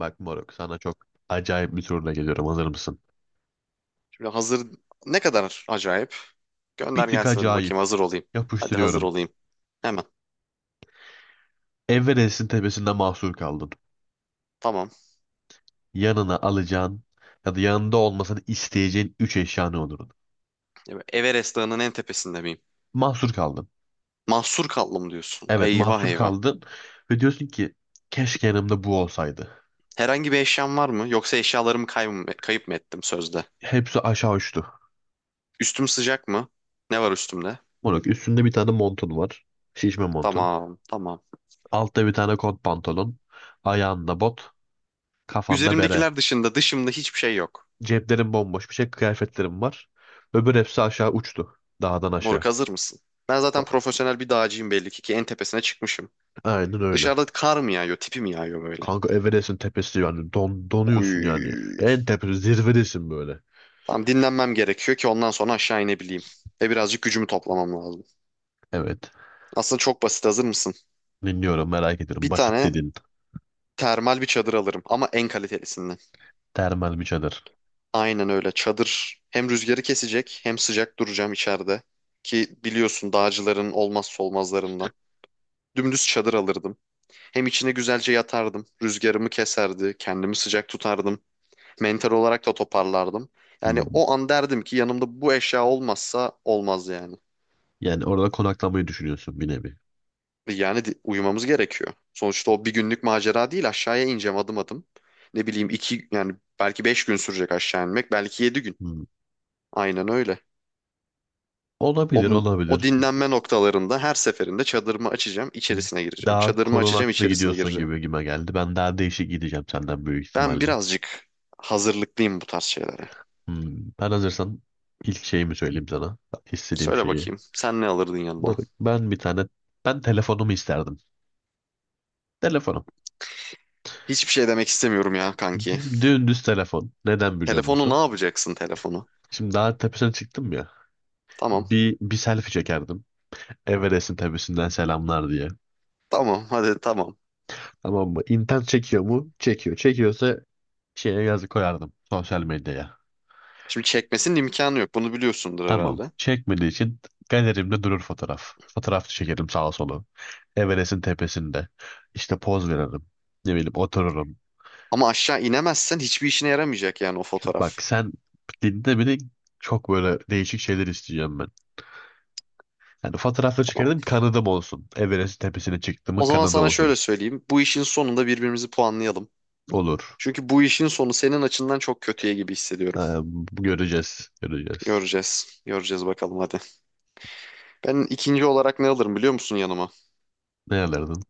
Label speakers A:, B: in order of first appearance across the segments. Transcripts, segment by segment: A: Bak moruk sana çok acayip bir soruna geliyorum. Hazır mısın?
B: Şimdi hazır. Ne kadar acayip?
A: Bir
B: Gönder
A: tık
B: gelsin hadi bakayım
A: acayip.
B: hazır olayım. Hadi hazır
A: Yapıştırıyorum.
B: olayım. Hemen.
A: Everest'in tepesinde mahsur kaldın.
B: Tamam.
A: Yanına alacağın ya da yanında olmasını isteyeceğin 3 eşya ne olurdu?
B: Ya ben Everest Dağı'nın en tepesinde miyim?
A: Mahsur kaldın.
B: Mahsur kaldım diyorsun.
A: Evet
B: Eyvah
A: mahsur
B: eyvah.
A: kaldın. Ve diyorsun ki keşke yanımda bu olsaydı.
B: Herhangi bir eşyam var mı? Yoksa eşyalarımı kayıp mı ettim sözde?
A: Hepsi aşağı uçtu.
B: Üstüm sıcak mı? Ne var üstümde?
A: Moruk üstünde bir tane montun var. Şişme montun.
B: Tamam tamam.
A: Altta bir tane kot pantolon. Ayağında bot. Kafanda bere.
B: Üzerimdekiler dışında dışımda hiçbir şey yok.
A: Ceplerim bomboş bir şey. Kıyafetlerim var. Öbür hepsi aşağı uçtu. Dağdan
B: Moruk
A: aşağı.
B: hazır mısın? Ben zaten profesyonel bir dağcıyım belli ki en tepesine çıkmışım.
A: Aynen öyle.
B: Dışarıda kar mı yağıyor, tipi mi yağıyor böyle?
A: Kanka Everest'in tepesi yani donuyorsun yani.
B: Uy.
A: En tepe zirvedesin böyle.
B: Tamam, dinlenmem gerekiyor ki ondan sonra aşağı inebileyim. Ve birazcık gücümü toplamam lazım.
A: Evet.
B: Aslında çok basit, hazır mısın?
A: Dinliyorum merak ediyorum.
B: Bir
A: Basit
B: tane
A: dedin.
B: termal bir çadır alırım, ama en kalitelisinden.
A: Termal bir çadır.
B: Aynen öyle, çadır hem rüzgarı kesecek hem sıcak duracağım içeride. Ki biliyorsun, dağcıların olmazsa olmazlarından. Dümdüz çadır alırdım. Hem içine güzelce yatardım. Rüzgarımı keserdi. Kendimi sıcak tutardım. Mental olarak da toparlardım. Yani
A: Hmm.
B: o an derdim ki yanımda bu eşya olmazsa olmaz yani.
A: Yani orada konaklamayı düşünüyorsun bir nevi.
B: Yani uyumamız gerekiyor. Sonuçta o bir günlük macera değil, aşağıya ineceğim adım adım. Ne bileyim iki, yani belki 5 gün sürecek aşağı inmek, belki 7 gün.
A: Hmm.
B: Aynen öyle.
A: Olabilir
B: O
A: olabilir.
B: dinlenme noktalarında her seferinde çadırımı açacağım, içerisine gireceğim.
A: Daha
B: Çadırımı açacağım,
A: korunaklı
B: içerisine
A: gidiyorsun
B: gireceğim.
A: gibi gime geldi. Ben daha değişik gideceğim senden büyük
B: Ben
A: ihtimalle.
B: birazcık hazırlıklıyım bu tarz şeylere.
A: Hmm. Ben hazırsan ilk şeyimi söyleyeyim sana. İstediğim
B: Söyle
A: şeyi.
B: bakayım, sen ne alırdın yanına?
A: Moruk, ben bir tane ben telefonumu isterdim. Telefonum.
B: Hiçbir şey demek istemiyorum ya kanki.
A: Dümdüz telefon. Neden biliyor
B: Telefonu ne
A: musun?
B: yapacaksın telefonu?
A: Şimdi daha tepesine çıktım ya.
B: Tamam
A: Bir selfie çekerdim. Everest'in tepesinden selamlar diye.
B: tamam hadi tamam.
A: Tamam mı? İnternet çekiyor mu? Çekiyor. Çekiyorsa şeye yazı koyardım. Sosyal medyaya.
B: Şimdi çekmesinin imkanı yok, bunu biliyorsundur
A: Tamam.
B: herhalde.
A: Çekmediği için galerimde durur fotoğraf. Fotoğraf çekerim sağa sola. Everest'in tepesinde. İşte poz veririm. Ne bileyim otururum.
B: Ama aşağı inemezsen hiçbir işine yaramayacak yani o
A: Bak
B: fotoğraf.
A: sen dinde bile çok böyle değişik şeyler isteyeceğim ben. Yani fotoğrafla
B: Tamam.
A: çıkardım kanadım olsun. Everest tepesine çıktığımın
B: O zaman
A: kanadı
B: sana
A: olsun.
B: şöyle söyleyeyim. Bu işin sonunda birbirimizi puanlayalım.
A: Olur.
B: Çünkü bu işin sonu senin açından çok kötüye gibi hissediyorum.
A: Ee, Göreceğiz. Göreceğiz.
B: Göreceğiz. Göreceğiz bakalım hadi. Ben ikinci olarak ne alırım biliyor musun yanıma?
A: Ne alırdın?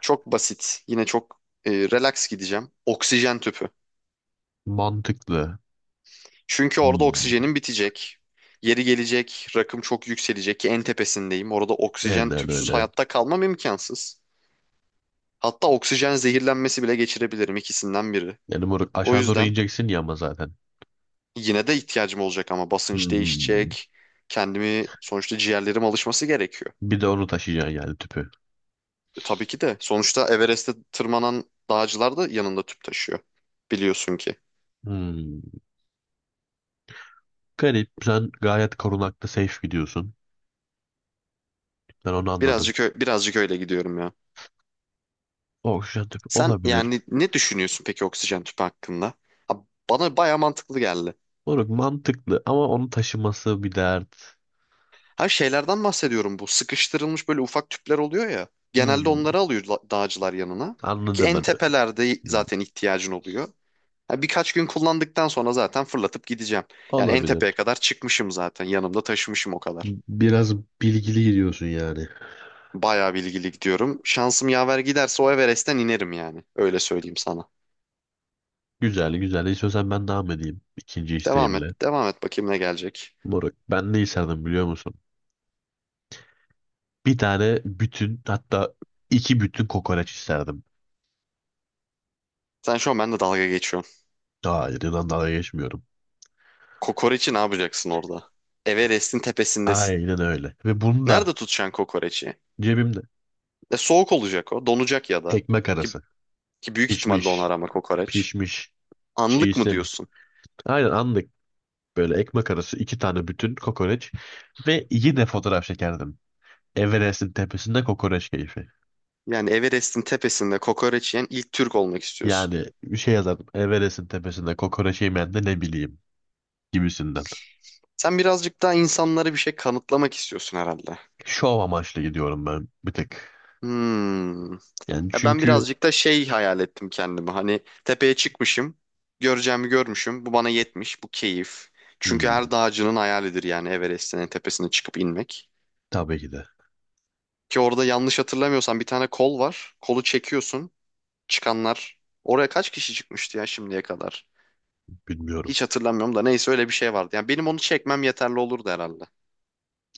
B: Çok basit. Yine çok relax gideceğim. Oksijen tüpü.
A: Mantıklı.
B: Çünkü orada
A: Hmm.
B: oksijenim bitecek. Yeri gelecek, rakım çok yükselecek ki en tepesindeyim. Orada oksijen
A: Aynen
B: tüpsüz
A: öyle.
B: hayatta kalmam imkansız. Hatta oksijen zehirlenmesi bile geçirebilirim, ikisinden biri.
A: Yani moruk
B: O
A: aşağı doğru
B: yüzden
A: ineceksin ya ama zaten.
B: yine de ihtiyacım olacak, ama basınç
A: Hmm.
B: değişecek. Kendimi, sonuçta ciğerlerim alışması gerekiyor.
A: Bir de onu taşıyacaksın yani tüpü.
B: E, tabii ki de sonuçta Everest'te tırmanan dağcılar da yanında tüp taşıyor. Biliyorsun ki.
A: Hmm. Garip. Sen gayet korunaklı safe gidiyorsun. Ben onu anladım.
B: Birazcık birazcık öyle gidiyorum ya.
A: Oksijen tüpü
B: Sen
A: olabilir.
B: yani ne düşünüyorsun peki oksijen tüpü hakkında? Ha, bana baya mantıklı geldi.
A: Moruk mantıklı ama onu taşıması bir dert.
B: Her şeylerden bahsediyorum bu. Sıkıştırılmış böyle ufak tüpler oluyor ya. Genelde
A: Hmm,
B: onları alıyor dağcılar yanına. Ki
A: anladım
B: en
A: ben.
B: tepelerde
A: Hmm,
B: zaten ihtiyacın oluyor. Ha, birkaç gün kullandıktan sonra zaten fırlatıp gideceğim. Yani en
A: olabilir.
B: tepeye kadar çıkmışım zaten. Yanımda taşımışım o kadar.
A: Biraz bilgili gidiyorsun yani.
B: Bayağı bilgili gidiyorum. Şansım yaver giderse o Everest'ten inerim yani. Öyle söyleyeyim sana.
A: Güzel güzel. İstiyorsan ben devam edeyim. İkinci
B: Devam et.
A: isteğimle.
B: Devam et bakayım ne gelecek.
A: Moruk ben ne isterdim biliyor musun? Bir tane bütün hatta iki bütün kokoreç isterdim.
B: Sen şu an benimle dalga geçiyorsun.
A: Hayır inan dalga geçmiyorum.
B: Kokoreçi ne yapacaksın orada? Everest'in tepesindesin.
A: Aynen öyle. Ve bunu
B: Nerede
A: da
B: tutacaksın kokoreçi?
A: cebimde.
B: Soğuk olacak o. Donacak ya da.
A: Ekmek
B: Ki,
A: arası.
B: ki büyük ihtimal donar
A: Pişmiş.
B: ama kokoreç.
A: Pişmiş. Çiğ
B: Anlık mı
A: istemiyorum.
B: diyorsun?
A: Aynen anlık. Böyle ekmek arası iki tane bütün kokoreç. Ve yine fotoğraf çekerdim. Everest'in tepesinde kokoreç keyfi.
B: Yani Everest'in tepesinde kokoreç yiyen ilk Türk olmak istiyorsun.
A: Yani bir şey yazardım. Everest'in tepesinde kokoreç yemeyen de ne bileyim gibisinden.
B: Sen birazcık daha insanlara bir şey kanıtlamak istiyorsun herhalde.
A: Şov amaçlı gidiyorum ben bir tek.
B: Hmm.
A: Yani
B: Ya ben
A: çünkü
B: birazcık da şey hayal ettim kendimi. Hani tepeye çıkmışım, göreceğimi görmüşüm. Bu bana yetmiş, bu keyif. Çünkü her
A: hmm,
B: dağcının hayalidir yani Everest'in en tepesine çıkıp inmek.
A: tabii ki de
B: Ki orada, yanlış hatırlamıyorsam, bir tane kol var. Kolu çekiyorsun. Çıkanlar. Oraya kaç kişi çıkmıştı ya şimdiye kadar?
A: bilmiyorum.
B: Hiç hatırlamıyorum da neyse, öyle bir şey vardı. Yani benim onu çekmem yeterli olurdu herhalde.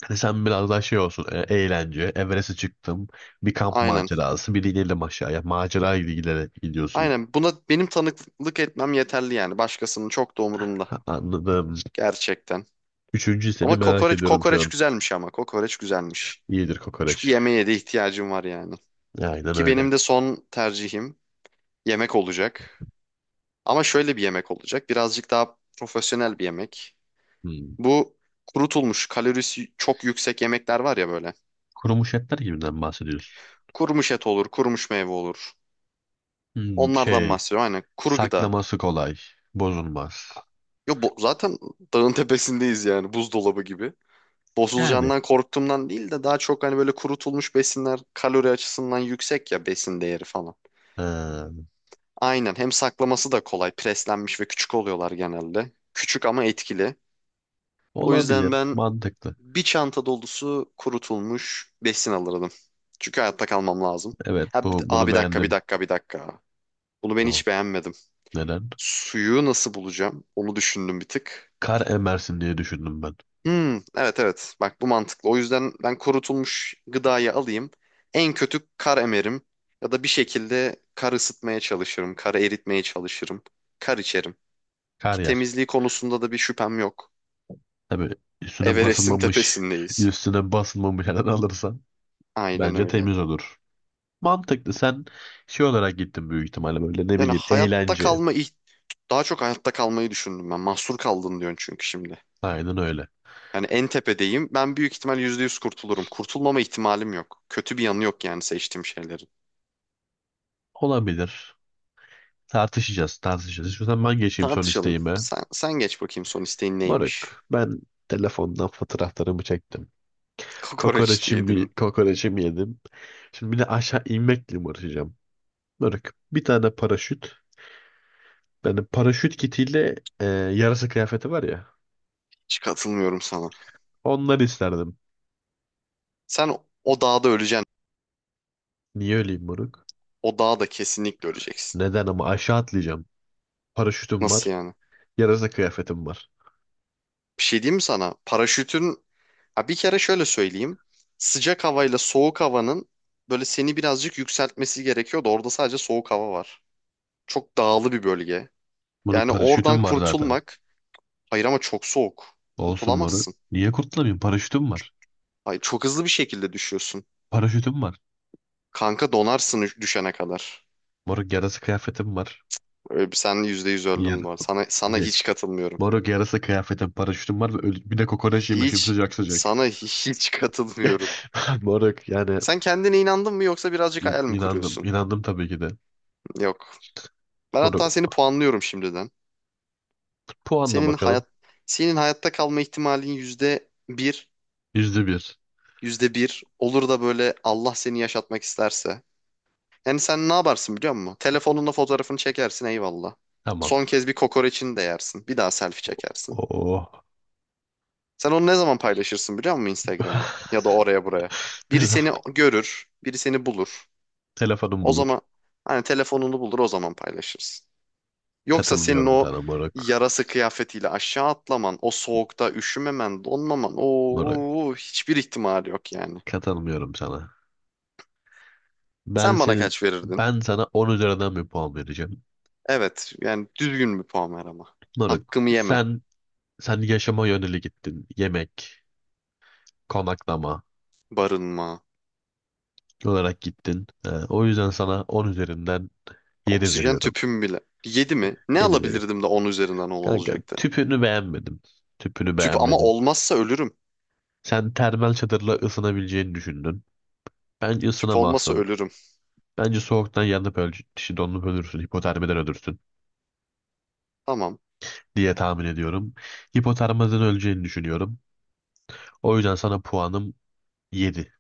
A: Hani sen biraz daha şey olsun eğlence. Everest'e çıktım. Bir kamp
B: Aynen.
A: macerası. Bir de inelim aşağıya. Macera gibi giderek gidiyorsun.
B: Aynen, buna benim tanıklık etmem yeterli yani. Başkasının çok da umurumda.
A: Ha, anladım.
B: Gerçekten.
A: Üçüncü seni
B: Ama
A: merak
B: kokoreç
A: ediyorum şu
B: kokoreç
A: an.
B: güzelmiş ama. Kokoreç güzelmiş.
A: İyidir
B: Çünkü
A: kokoreç.
B: yemeğe de ihtiyacım var yani.
A: Aynen
B: Ki
A: öyle.
B: benim de son tercihim yemek olacak. Ama şöyle bir yemek olacak. Birazcık daha profesyonel bir yemek.
A: Hmm.
B: Bu kurutulmuş, kalorisi çok yüksek yemekler var ya böyle.
A: Kurumuş etler gibinden bahsediyorsun.
B: Kurumuş et olur, kurumuş meyve olur.
A: Hmm,
B: Onlardan
A: şey.
B: bahsediyorum. Aynen, kuru gıda.
A: Saklaması kolay. Bozulmaz.
B: Yo, bu, zaten dağın tepesindeyiz yani, buzdolabı gibi.
A: Yani
B: Bozulacağından korktuğumdan değil de daha çok hani böyle kurutulmuş besinler kalori açısından yüksek ya, besin değeri falan.
A: ha,
B: Aynen, hem saklaması da kolay. Preslenmiş ve küçük oluyorlar genelde. Küçük ama etkili. O yüzden
A: olabilir.
B: ben
A: Mantıklı.
B: bir çanta dolusu kurutulmuş besin alırdım. Çünkü hayatta kalmam lazım.
A: Evet
B: Ha,
A: bu bunu
B: bir dakika bir
A: beğendim.
B: dakika bir dakika. Bunu ben
A: O,
B: hiç beğenmedim.
A: neden?
B: Suyu nasıl bulacağım? Onu düşündüm bir tık.
A: Kar emersin diye düşündüm ben.
B: Hmm, evet evet. Bak bu mantıklı. O yüzden ben kurutulmuş gıdayı alayım. En kötü kar emerim. Ya da bir şekilde kar ısıtmaya çalışırım. Kar eritmeye çalışırım. Kar içerim.
A: Kar
B: Ki
A: yer.
B: temizliği konusunda da bir şüphem yok.
A: Tabii üstüne
B: Everest'in
A: basılmamış
B: tepesindeyiz.
A: üstüne basılmamış yerden alırsan
B: Aynen
A: bence
B: öyle.
A: temiz olur. Mantıklı. Sen şey olarak gittin büyük ihtimalle böyle ne
B: Yani
A: bileyim
B: hayatta
A: eğlence.
B: kalma, daha çok hayatta kalmayı düşündüm ben. Mahsur kaldın diyorsun çünkü şimdi.
A: Aynen öyle.
B: Yani en tepedeyim. Ben büyük ihtimal %100 kurtulurum. Kurtulmama ihtimalim yok. Kötü bir yanı yok yani seçtiğim şeylerin.
A: Olabilir. Tartışacağız, tartışacağız. İstiyorsan ben geçeyim son
B: Tartışalım.
A: isteğime.
B: Sen geç bakayım, son isteğin neymiş?
A: Moruk, ben telefondan fotoğraflarımı çektim.
B: Kokoreç
A: Kokoreçimi,
B: diyedin.
A: kokoreçimi yedim. Şimdi bir de aşağı inmekle mi uğraşacağım? Bırak. Bir tane paraşüt. Benim paraşüt kitiyle yarasa kıyafeti var ya.
B: Hiç katılmıyorum sana.
A: Onları isterdim.
B: Sen o dağda öleceksin.
A: Niye öleyim moruk?
B: O dağda kesinlikle öleceksin.
A: Neden ama aşağı atlayacağım. Paraşütüm
B: Nasıl
A: var.
B: yani?
A: Yarasa kıyafetim var.
B: Bir şey diyeyim mi sana? Paraşütün... Ha, bir kere şöyle söyleyeyim. Sıcak havayla soğuk havanın böyle seni birazcık yükseltmesi gerekiyordu. Orada sadece soğuk hava var. Çok dağlı bir bölge.
A: Moruk
B: Yani oradan
A: paraşütüm var zaten.
B: kurtulmak... Hayır, ama çok soğuk.
A: Olsun moruk.
B: Kurtulamazsın.
A: Niye kurtulamayayım? Paraşütüm var.
B: Hayır, çok hızlı bir şekilde düşüyorsun.
A: Paraşütüm var.
B: Kanka donarsın düşene kadar.
A: Moruk yarasa kıyafetim var.
B: Sen %100
A: Yar
B: öldün bu arada. Sana
A: ye.
B: hiç katılmıyorum.
A: Moruk yarasa kıyafetim, paraşütüm var ve bir de kokoreç yemişim
B: Hiç.
A: sıcak sıcak.
B: Sana hiç katılmıyorum.
A: Moruk yani
B: Sen kendine inandın mı, yoksa birazcık hayal mi
A: İnandım.
B: kuruyorsun?
A: İnandım tabii ki de.
B: Yok. Ben hatta
A: Bunu
B: seni puanlıyorum şimdiden.
A: puanla
B: Senin
A: bakalım.
B: hayat senin hayatta kalma ihtimalin %1,
A: %1.
B: yüzde bir olur da böyle Allah seni yaşatmak isterse. Yani sen ne yaparsın biliyor musun? Telefonunla fotoğrafını çekersin, eyvallah.
A: Tamam.
B: Son kez bir kokoreçini de yersin. Bir daha selfie çekersin.
A: Oo.
B: Sen onu ne zaman paylaşırsın biliyor musun Instagram'a? Ya da oraya buraya. Biri
A: Telef-
B: seni görür, biri seni bulur.
A: Telefonum
B: O
A: bulur.
B: zaman, hani telefonunu bulur, o zaman paylaşırsın. Yoksa senin
A: Katılmıyorum
B: o
A: sana moruk.
B: yarası kıyafetiyle aşağı atlaman, o soğukta üşümemen, donmaman,
A: Moruk.
B: o hiçbir ihtimali yok yani.
A: Katılmıyorum sana. Ben
B: Sen bana
A: senin
B: kaç verirdin?
A: ben sana 10 üzerinden bir puan vereceğim.
B: Evet, yani düzgün bir puan ver ama.
A: Moruk.
B: Hakkımı yeme.
A: Sen yaşama yöneli gittin. Yemek, konaklama
B: Barınma,
A: olarak gittin. O yüzden sana 10 üzerinden 7
B: oksijen
A: veriyorum.
B: tüpüm bile. 7 mi? Ne
A: Yedi veriyorum.
B: alabilirdim de 10 üzerinden 10
A: Kanka
B: olacaktı?
A: tüpünü beğenmedim. Tüpünü
B: Tüp ama
A: beğenmedim.
B: olmazsa ölürüm.
A: Sen termal çadırla ısınabileceğini düşündün. Bence
B: Tüp olmasa
A: ısınamazsın.
B: ölürüm.
A: Bence soğuktan yanıp öl işte donup ölürsün, hipotermiden ölürsün
B: Tamam.
A: diye tahmin ediyorum. Hipotermiden öleceğini düşünüyorum. O yüzden sana puanım 7.